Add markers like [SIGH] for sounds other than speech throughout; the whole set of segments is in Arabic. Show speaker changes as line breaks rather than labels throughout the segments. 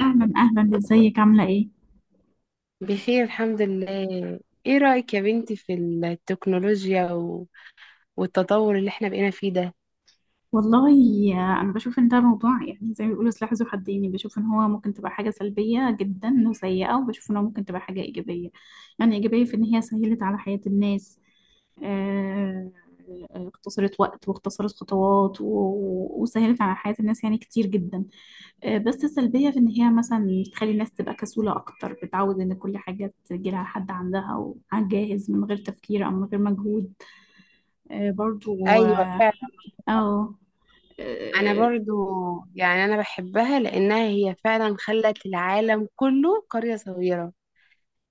اهلا اهلا، ازيك؟ عامله ايه؟
بخير الحمد لله. ايه رأيك يا بنتي في التكنولوجيا والتطور اللي احنا بقينا فيه ده؟
والله انا بشوف ان ده موضوع يعني زي ما بيقولوا سلاح ذو حدين، يعني بشوف ان هو ممكن تبقى حاجه سلبيه جدا وسيئه، وبشوف ان هو ممكن تبقى حاجه ايجابيه. يعني ايجابيه في ان هي سهلت على حياه الناس، آه، اختصرت وقت واختصرت خطوات وسهلت على حياه الناس يعني كتير جدا. بس السلبيه في ان هي مثلا تخلي الناس تبقى كسوله اكتر، بتعود ان كل حاجه تجيلها لحد عندها وعلى الجاهز من غير تفكير او من غير مجهود. برضو.
ايوه فعلا.
أو.
انا
آه،
برضو يعني انا بحبها لانها هي فعلا خلت العالم كله قرية صغيرة.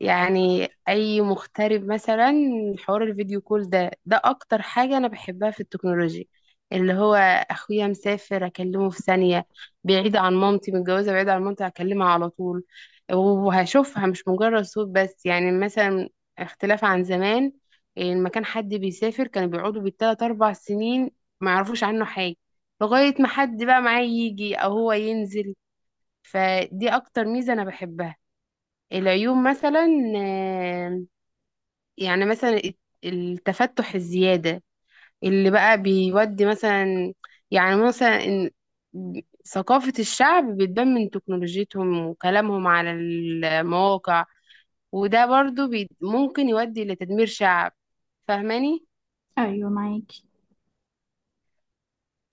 يعني اي مغترب مثلا حوار الفيديو كول ده اكتر حاجة انا بحبها في التكنولوجيا. اللي هو اخويا مسافر اكلمه في ثانية. بعيد عن مامتي متجوزة بعيد عن مامتي هكلمها على طول، وهشوفها مش مجرد صوت بس. يعني مثلا اختلاف عن زمان، لما كان حد بيسافر كانوا بيقعدوا بالتلات اربع سنين ما يعرفوش عنه حاجة، لغاية ما حد بقى معاه يجي او هو ينزل. فدي اكتر ميزة انا بحبها. العيوب مثلا آه، يعني مثلا التفتح الزيادة اللي بقى بيودي مثلا. يعني مثلا ثقافة الشعب بتبان من تكنولوجيتهم وكلامهم على المواقع، وده برضو بي ممكن يودي لتدمير شعب، فاهماني؟
أيوة معاكي،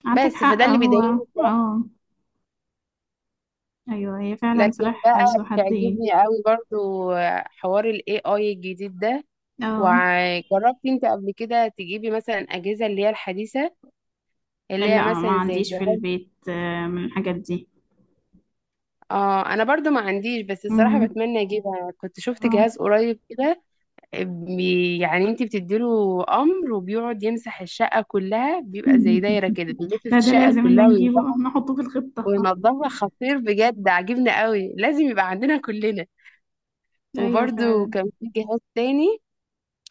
عندك
بس
حق.
فده اللي
هو
بيضايقني.
أه أيوة هي فعلا
لكن
سلاح
بقى
ذو حدين.
بيعجبني قوي برضو حوار ال AI الجديد ده.
أه
وجربتي انت قبل كده تجيبي مثلا أجهزة اللي هي الحديثة، اللي هي
لا، ما
مثلا زي
عنديش في
جهاز؟
البيت من الحاجات دي.
اه انا برضو ما عنديش، بس الصراحه
مم.
بتمنى اجيبها. كنت شفت
آه.
جهاز قريب كده. يعني انت بتديله امر وبيقعد يمسح الشقه كلها، بيبقى زي دايره كده
[LAUGHS]
بيلف في
لا، ده
الشقه
لازم ده
كلها
نجيبه
ويمسحها
نحطه في الخطة.
وينضفها. خطير بجد، عاجبني قوي، لازم يبقى عندنا كلنا.
[LAUGHS] أيوة
وبرضو
فعلا.
كان في جهاز تاني،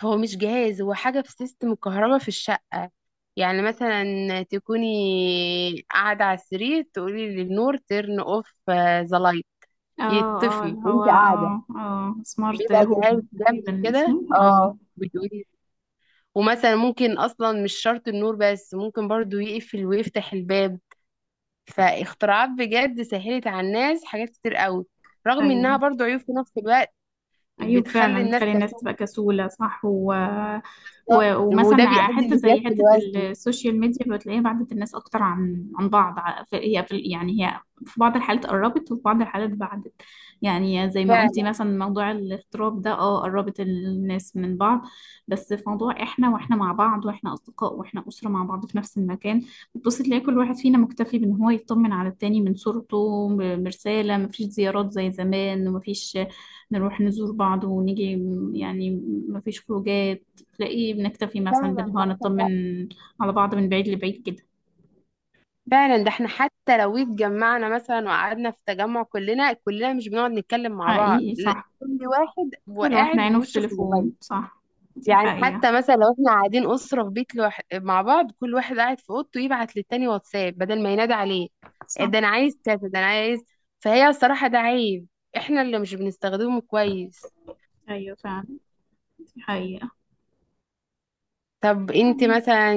هو مش جهاز، هو حاجه في سيستم الكهرباء في الشقه. يعني مثلا تكوني قاعده على السرير تقولي للنور ترن اوف ذا لايت،
اه اه،
يطفي
اللي هو
وانت قاعده.
سمارت
بيبقى جهاز
هوم
جنبي
تقريبا
كده،
اسمه
اه، بتقولي. ومثلا ممكن اصلا مش شرط النور بس، ممكن برضو يقفل ويفتح الباب. فاختراعات بجد سهلت على الناس حاجات كتير قوي، رغم انها
أيوة.
برضو عيوب في نفس الوقت،
أيوة
بتخلي
فعلا،
الناس
بتخلي الناس
كسول.
تبقى كسولة، صح، و...
بالظبط
و...
وده
ومثلا
بيؤدي
حتة زي
لزيادة
حتة
الوزن.
السوشيال ميديا بتلاقيها بعدت الناس أكتر عن بعض. يعني هي، في بعض الحالات قربت وفي بعض الحالات بعدت. يعني زي ما قلتي
فعلا.
مثلا موضوع الاغتراب ده قربت الناس من بعض، بس في موضوع احنا واحنا مع بعض واحنا أصدقاء واحنا أسرة مع بعض في نفس المكان، بتبصي تلاقي كل واحد فينا مكتفي بإن هو يطمن على التاني من صورته برسالة. مفيش زيارات زي زمان ومفيش نروح نزور بعض ونيجي يعني مفيش خروجات، تلاقيه بنكتفي مثلا
فعلا
بالهوا
معاك
نطمن
حق.
على بعض من بعيد لبعيد كده.
فعلا ده احنا حتى لو اتجمعنا مثلا وقعدنا في تجمع كلنا كلنا مش بنقعد نتكلم مع بعض،
حقيقي
لا،
صح.
كل واحد
كل واحد
وقاعد
عينه في
ووشه في
التليفون،
الموبايل.
صح. دي
يعني
حقيقة.
حتى مثلا لو احنا قاعدين أسرة في بيت مع بعض، كل واحد قاعد في أوضته يبعت للتاني واتساب بدل ما ينادي عليه.
صح.
ده أنا عايز كذا، ده أنا عايز. فهي الصراحة ده عيب احنا اللي مش بنستخدمه كويس.
أيوة فعلا، دي حقيقة.
طب انت مثلا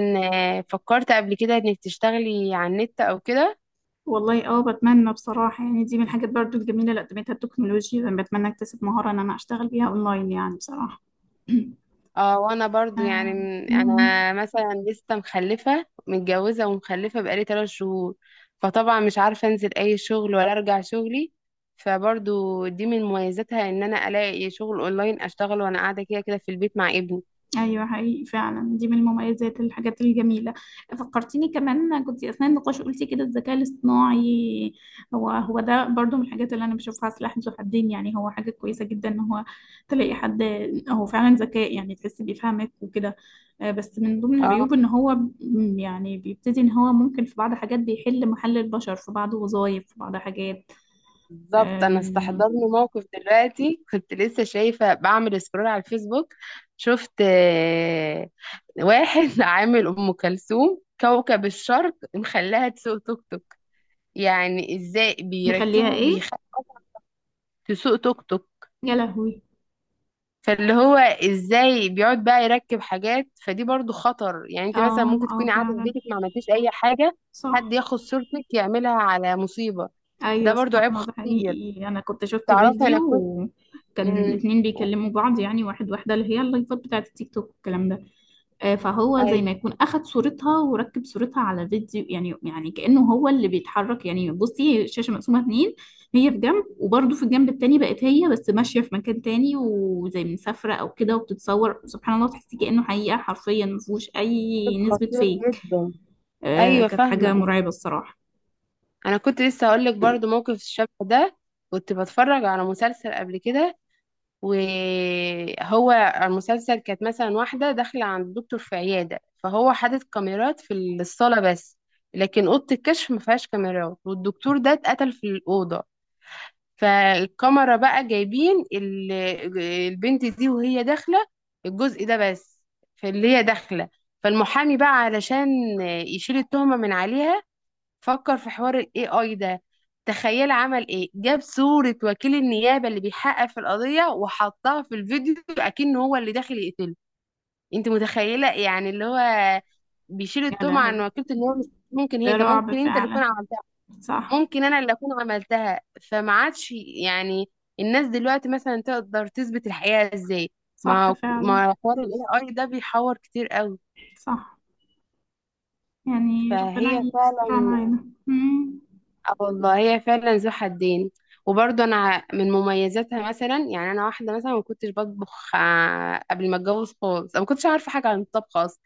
فكرت قبل كده انك تشتغلي على النت او كده؟
والله بتمنى بصراحة، يعني دي من الحاجات برضو الجميلة اللي قدمتها التكنولوجيا، بتمنى اكتسب مهارة ان انا اشتغل بيها اونلاين يعني بصراحة. [CLEARS THROAT]
اه وانا برضو يعني
آه. مم.
انا مثلا لسه مخلفه، متجوزه ومخلفه بقالي 3 شهور، فطبعا مش عارفه انزل اي شغل ولا ارجع شغلي. فبرضو دي من مميزاتها ان انا الاقي شغل اونلاين اشتغل وانا قاعده كده كده في البيت مع ابني.
ايوه حقيقي فعلا، دي من المميزات، الحاجات الجميله. فكرتيني، كمان كنت اثناء النقاش قلتي كده الذكاء الاصطناعي، هو ده برضو من الحاجات اللي انا بشوفها سلاح ذو حدين. يعني هو حاجه كويسه جدا ان هو تلاقي حد هو فعلا ذكاء، يعني تحس بيفهمك وكده. بس من ضمن
اه
العيوب ان هو يعني بيبتدي ان هو ممكن في بعض حاجات بيحل محل البشر، في بعض وظائف، في بعض حاجات.
بالظبط، انا
آم،
استحضرني موقف دلوقتي، كنت لسه شايفه بعمل سكرول على الفيسبوك، شفت واحد [LAUGHS] عامل ام كلثوم كوكب الشرق مخليها تسوق توك توك. يعني ازاي
مخليها
بيركبوا
ايه؟
بيخلوا تسوق توك توك؟
يا لهوي.
فاللي هو ازاي بيقعد بقى يركب حاجات. فدي برضو خطر، يعني انت مثلا
اه
ممكن
اه
تكوني قاعده في
فعلا،
بيتك ما عملتيش اي حاجه،
صح.
حد ياخد صورتك يعملها على مصيبه. ده
ايوه
برضو
سبحان
عيب
الله، ده
خطير.
حقيقي، انا كنت شفت
تعرفي
فيديو،
انا كنت
وكان
امم
اتنين بيكلموا بعض، يعني واحد واحده، اللي هي اللايفات بتاعت التيك توك والكلام ده. فهو زي
اي
ما يكون اخد صورتها وركب صورتها على فيديو، يعني كانه هو اللي بيتحرك، يعني بصي الشاشه مقسومه اتنين، هي في جنب وبرده في الجنب التاني بقت هي بس ماشيه في مكان تاني وزي مسافره او كده وبتتصور، سبحان الله تحسي كانه حقيقه، حرفيا ما فيهوش
عيب
اي نسبه
خطير
فيك.
جدا. ايوه
كانت حاجه
فاهمه.
مرعبه الصراحه.
انا كنت لسه هقول لك برضو موقف الشبه ده. كنت بتفرج على مسلسل قبل كده، وهو المسلسل كانت مثلا واحدة داخلة عند الدكتور في عيادة، فهو حاطط كاميرات في الصالة بس، لكن أوضة الكشف ما فيهاش كاميرات. والدكتور ده اتقتل في الأوضة. فالكاميرا بقى جايبين البنت دي وهي داخلة الجزء ده بس، في اللي هي داخلة. فالمحامي بقى علشان يشيل التهمة من عليها فكر في حوار ال AI ده. تخيل عمل ايه، جاب صورة وكيل النيابة اللي بيحقق في القضية وحطها في الفيديو اكن هو اللي داخل يقتله. انت متخيلة؟ يعني اللي هو بيشيل
يا
التهمة عن
لهوي.
وكيلة النيابة، مش ممكن هي،
ده
طب
رعب
ممكن انت اللي
فعلا.
تكون عملتها،
صح.
ممكن انا اللي اكون عملتها. فما عادش يعني الناس دلوقتي مثلا تقدر تثبت الحقيقة ازاي؟
صح
ما
فعلا،
ما حوار ال AI ده بيحور كتير قوي.
صح، يعني ربنا
فهي فعلا،
يسترها معانا. مم.
اه والله هي فعلا ذو حدين. وبرضه انا من مميزاتها مثلا يعني انا واحده مثلا ما كنتش بطبخ قبل ما اتجوز خالص. أنا ما كنتش عارفه حاجه عن الطبخ اصلا.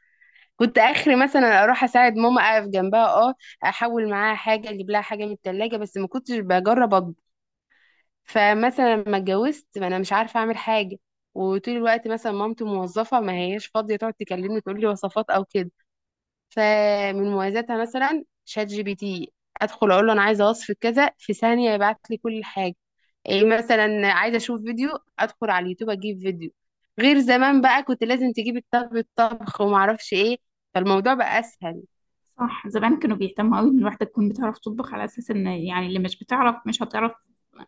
كنت اخري مثلا اروح اساعد ماما اقف جنبها، اه، احول معاها حاجه اجيب لها حاجه من التلاجة، بس ما كنتش بجرب اطبخ. فمثلا لما اتجوزت ما انا مش عارفه اعمل حاجه. وطول الوقت مثلا مامتي موظفه ما هياش فاضيه تقعد تكلمني تقول لي وصفات او كده. فمن مميزاتها مثلا شات جي بي تي، ادخل اقول له انا عايزه وصف كذا في ثانيه يبعت لي كل حاجه. ايه مثلا عايزه اشوف فيديو، ادخل على اليوتيوب اجيب فيديو. غير زمان بقى كنت لازم تجيب الطبخ وما اعرفش ايه. فالموضوع بقى اسهل.
صح، زمان كانوا بيهتموا قوي ان الواحده تكون بتعرف تطبخ، على اساس ان يعني اللي مش بتعرف مش هتعرف،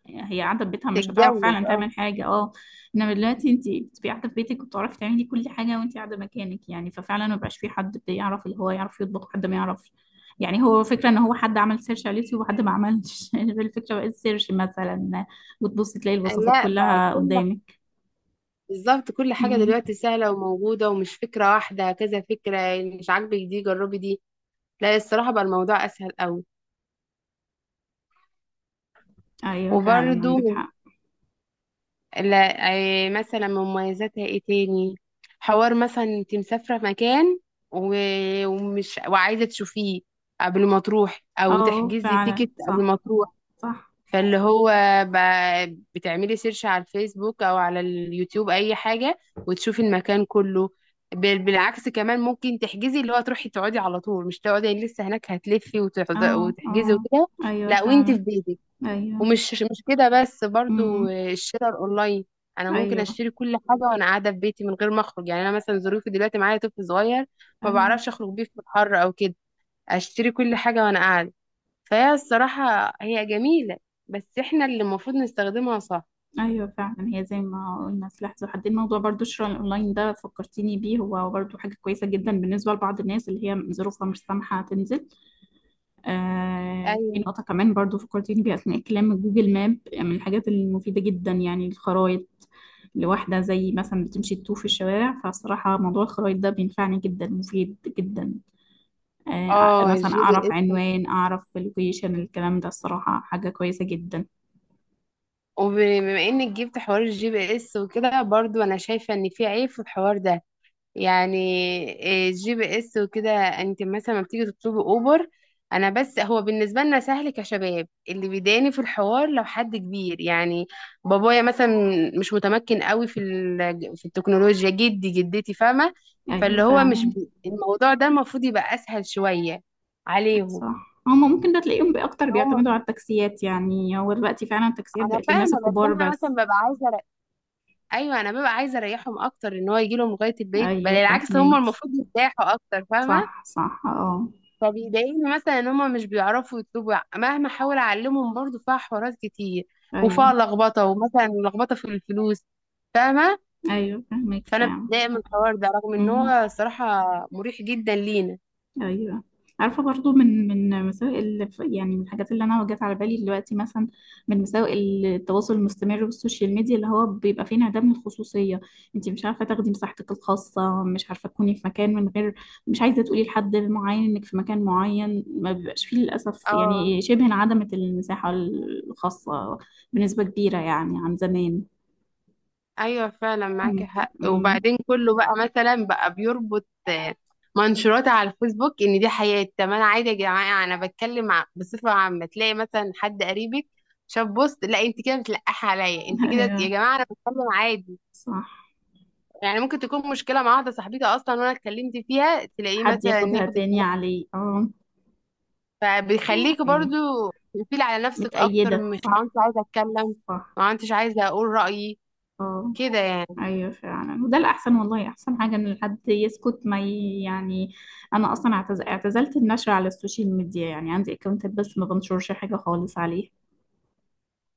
هي قاعده في بيتها مش هتعرف
تتجوز
فعلا
اه.
تعمل حاجه، اه. انما دلوقتي انت بتبقي قاعده في بيتك وبتعرفي تعملي كل حاجه وانت قاعده مكانك، يعني ففعلا ما بقاش في حد بيعرف اللي هو يعرف يطبخ حد ما يعرفش. يعني هو فكرة ان هو حد عمل سيرش على اليوتيوب وحد ما عملش. [LAUGHS] الفكرة بقت سيرش مثلا، وتبصي تلاقي الوصفات
لا بقى
كلها
كل
قدامك.
بالظبط، كل حاجه
مم.
دلوقتي سهله وموجوده ومش فكره واحده، كذا فكره. مش عاجبك دي جربي دي. لا الصراحه بقى الموضوع اسهل قوي.
ايوه فعلا،
وبرده
عندك حق.
لا، أي مثلا مميزاتها ايه تاني؟ حوار مثلا انت مسافرة في مكان ومش وعايزة تشوفيه قبل ما تروح او
اه
تحجزي
فعلا،
تيكت قبل
صح.
ما تروح،
صح،
فاللي هو بتعملي سيرش على الفيسبوك او على اليوتيوب اي حاجة وتشوفي المكان كله. بالعكس كمان ممكن تحجزي اللي هو تروحي تقعدي على طول، مش تقعدي لسه هناك هتلفي
اه.
وتحجزي
اه
وكده.
ايوه
لا وانت في
فعلا.
بيتك.
ايوه.
ومش مش كده بس، برضو
امم.
الشراء الاونلاين، انا ممكن
ايوه.
اشتري كل حاجه وانا قاعده في بيتي من غير ما اخرج. يعني انا مثلا ظروفي دلوقتي معايا طفل صغير، ما
ايوه.
بعرفش اخرج بيه في الحر او كده، اشتري كل حاجه وانا قاعده. فهي الصراحه هي جميله، بس احنا اللي المفروض نستخدمها صح.
ايوه فعلا، هي زي ما قلنا سلاح ذو حدين. الموضوع، برضو الشراء الاونلاين ده فكرتيني بيه، هو برضو حاجه كويسه جدا بالنسبه لبعض الناس اللي هي ظروفها مش سامحه تنزل. آه، في
ايوه.
نقطة كمان برضو فكرتيني بيها أثناء الكلام، جوجل ماب، يعني من الحاجات المفيدة جدا، يعني الخرايط، لواحدة زي مثلا بتمشي تتوه في الشوارع، فصراحة موضوع الخرايط ده بينفعني جدا، مفيد جدا. آه
اه
مثلا
الجي بي
أعرف
اس.
عنوان، أعرف اللوكيشن، الكلام ده الصراحة حاجة كويسة جدا.
وبما انك جبت حوار الجي بي اس وكده برضو انا شايفه ان في عيب في الحوار ده. يعني جي بي اس وكده، انت مثلا لما بتيجي تطلبي اوبر، انا بس هو بالنسبه لنا سهل كشباب، اللي بيضايقني في الحوار لو حد كبير، يعني بابايا مثلا مش متمكن قوي في التكنولوجيا، جدي جدتي، فاهمه.
أيوة
فاللي هو مش
فعلا.
الموضوع ده المفروض يبقى اسهل شويه عليهم.
صح، هما ممكن ده تلاقيهم أكتر
هم
بيعتمدوا على التاكسيات، يعني هو دلوقتي فعلا التاكسيات
انا
بقت للناس
فاهمه، بس
الكبار
انا مثلا
بس.
ببقى عايزه ايوه انا ببقى عايزه اريحهم اكتر، ان هو يجي لهم لغايه البيت، بل
أيوة
العكس هم
فاهمك.
المفروض يرتاحوا اكتر، فاهمه.
صح صح، اه.
فبيضايقني مثلا ان هما مش بيعرفوا يطلبوا، مهما احاول اعلمهم برضو فيها حوارات كتير وفيها
أيوة.
لخبطه، ومثلا لخبطه في الفلوس. فاهمه.
ايوه فاهمك
فانا
فعلا.
بتضايق من الحوار ده رغم ان
امم.
هو صراحه مريح جدا لينا.
ايوه. عارفه برضو من مساوئ يعني من الحاجات اللي انا جت على بالي دلوقتي، مثلا من مساوئ التواصل المستمر والسوشيال ميديا، اللي هو بيبقى فيه انعدام من الخصوصيه، انت مش عارفه تاخدي مساحتك الخاصه، مش عارفه تكوني في مكان من غير، مش عايزه تقولي لحد معين انك في مكان معين ما بيبقاش فيه للاسف،
اه
يعني شبه انعدمت المساحه الخاصه بنسبه كبيره يعني عن زمان.
ايوه فعلا
امم.
معاكي حق.
أمم.
وبعدين كله بقى مثلا بقى بيربط منشورات على الفيسبوك ان دي حياتي. طب انا عادي يا جماعه انا بتكلم بصفه عامه. تلاقي مثلا حد قريبك شاف بوست، لا انت كده بتلقحي عليا،
[LAUGHS]
انت كده. يا
ايوه
جماعه انا بتكلم عادي.
صح.
يعني ممكن تكون مشكلة مع واحدة صاحبتي أصلا وأنا اتكلمت فيها، تلاقيه
حد
مثلا
ياخدها
ياخد
تاني
الكلام.
عليه، اه.
فبيخليك
ايوه
برضو تقفيل على نفسك أكتر،
متأيدة،
مش عارفة
صح.
عايزة أتكلم.
صح،
ما عدتش عايزة أقول رأيي
اه.
كده يعني.
ايوه فعلا، وده الاحسن، والله احسن حاجه ان الحد يسكت، ما يعني انا اصلا اعتزلت النشر على السوشيال ميديا، يعني عندي اكونتات بس ما بنشرش حاجه خالص عليه.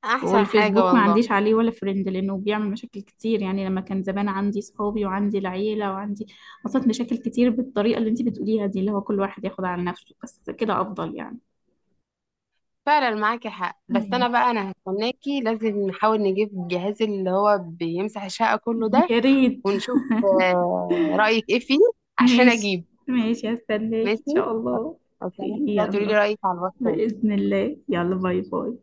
أحسن حاجة
والفيسبوك ما
والله.
عنديش عليه ولا فريند، لانه بيعمل مشاكل كتير، يعني لما كان زمان عندي صحابي وعندي العيله وعندي، حصلت مشاكل كتير بالطريقه اللي انت بتقوليها دي، اللي هو كل واحد ياخد على نفسه، بس كده افضل يعني.
فعلا معاكي حق. بس
ايوه.
أنا بقى أنا هستناكي لازم نحاول نجيب الجهاز اللي هو بيمسح الشقة كله
[LAUGHS]
ده،
يا ريت.
ونشوف رأيك إيه فيه عشان
ماشي.
أجيب.
ماشي، هستناك ان
ماشي
شاء الله.
هستناكي
[LAUGHS]
بقى تقولي لي
يلا.
رأيك على الواتساب.
بإذن الله، يلا، باي باي.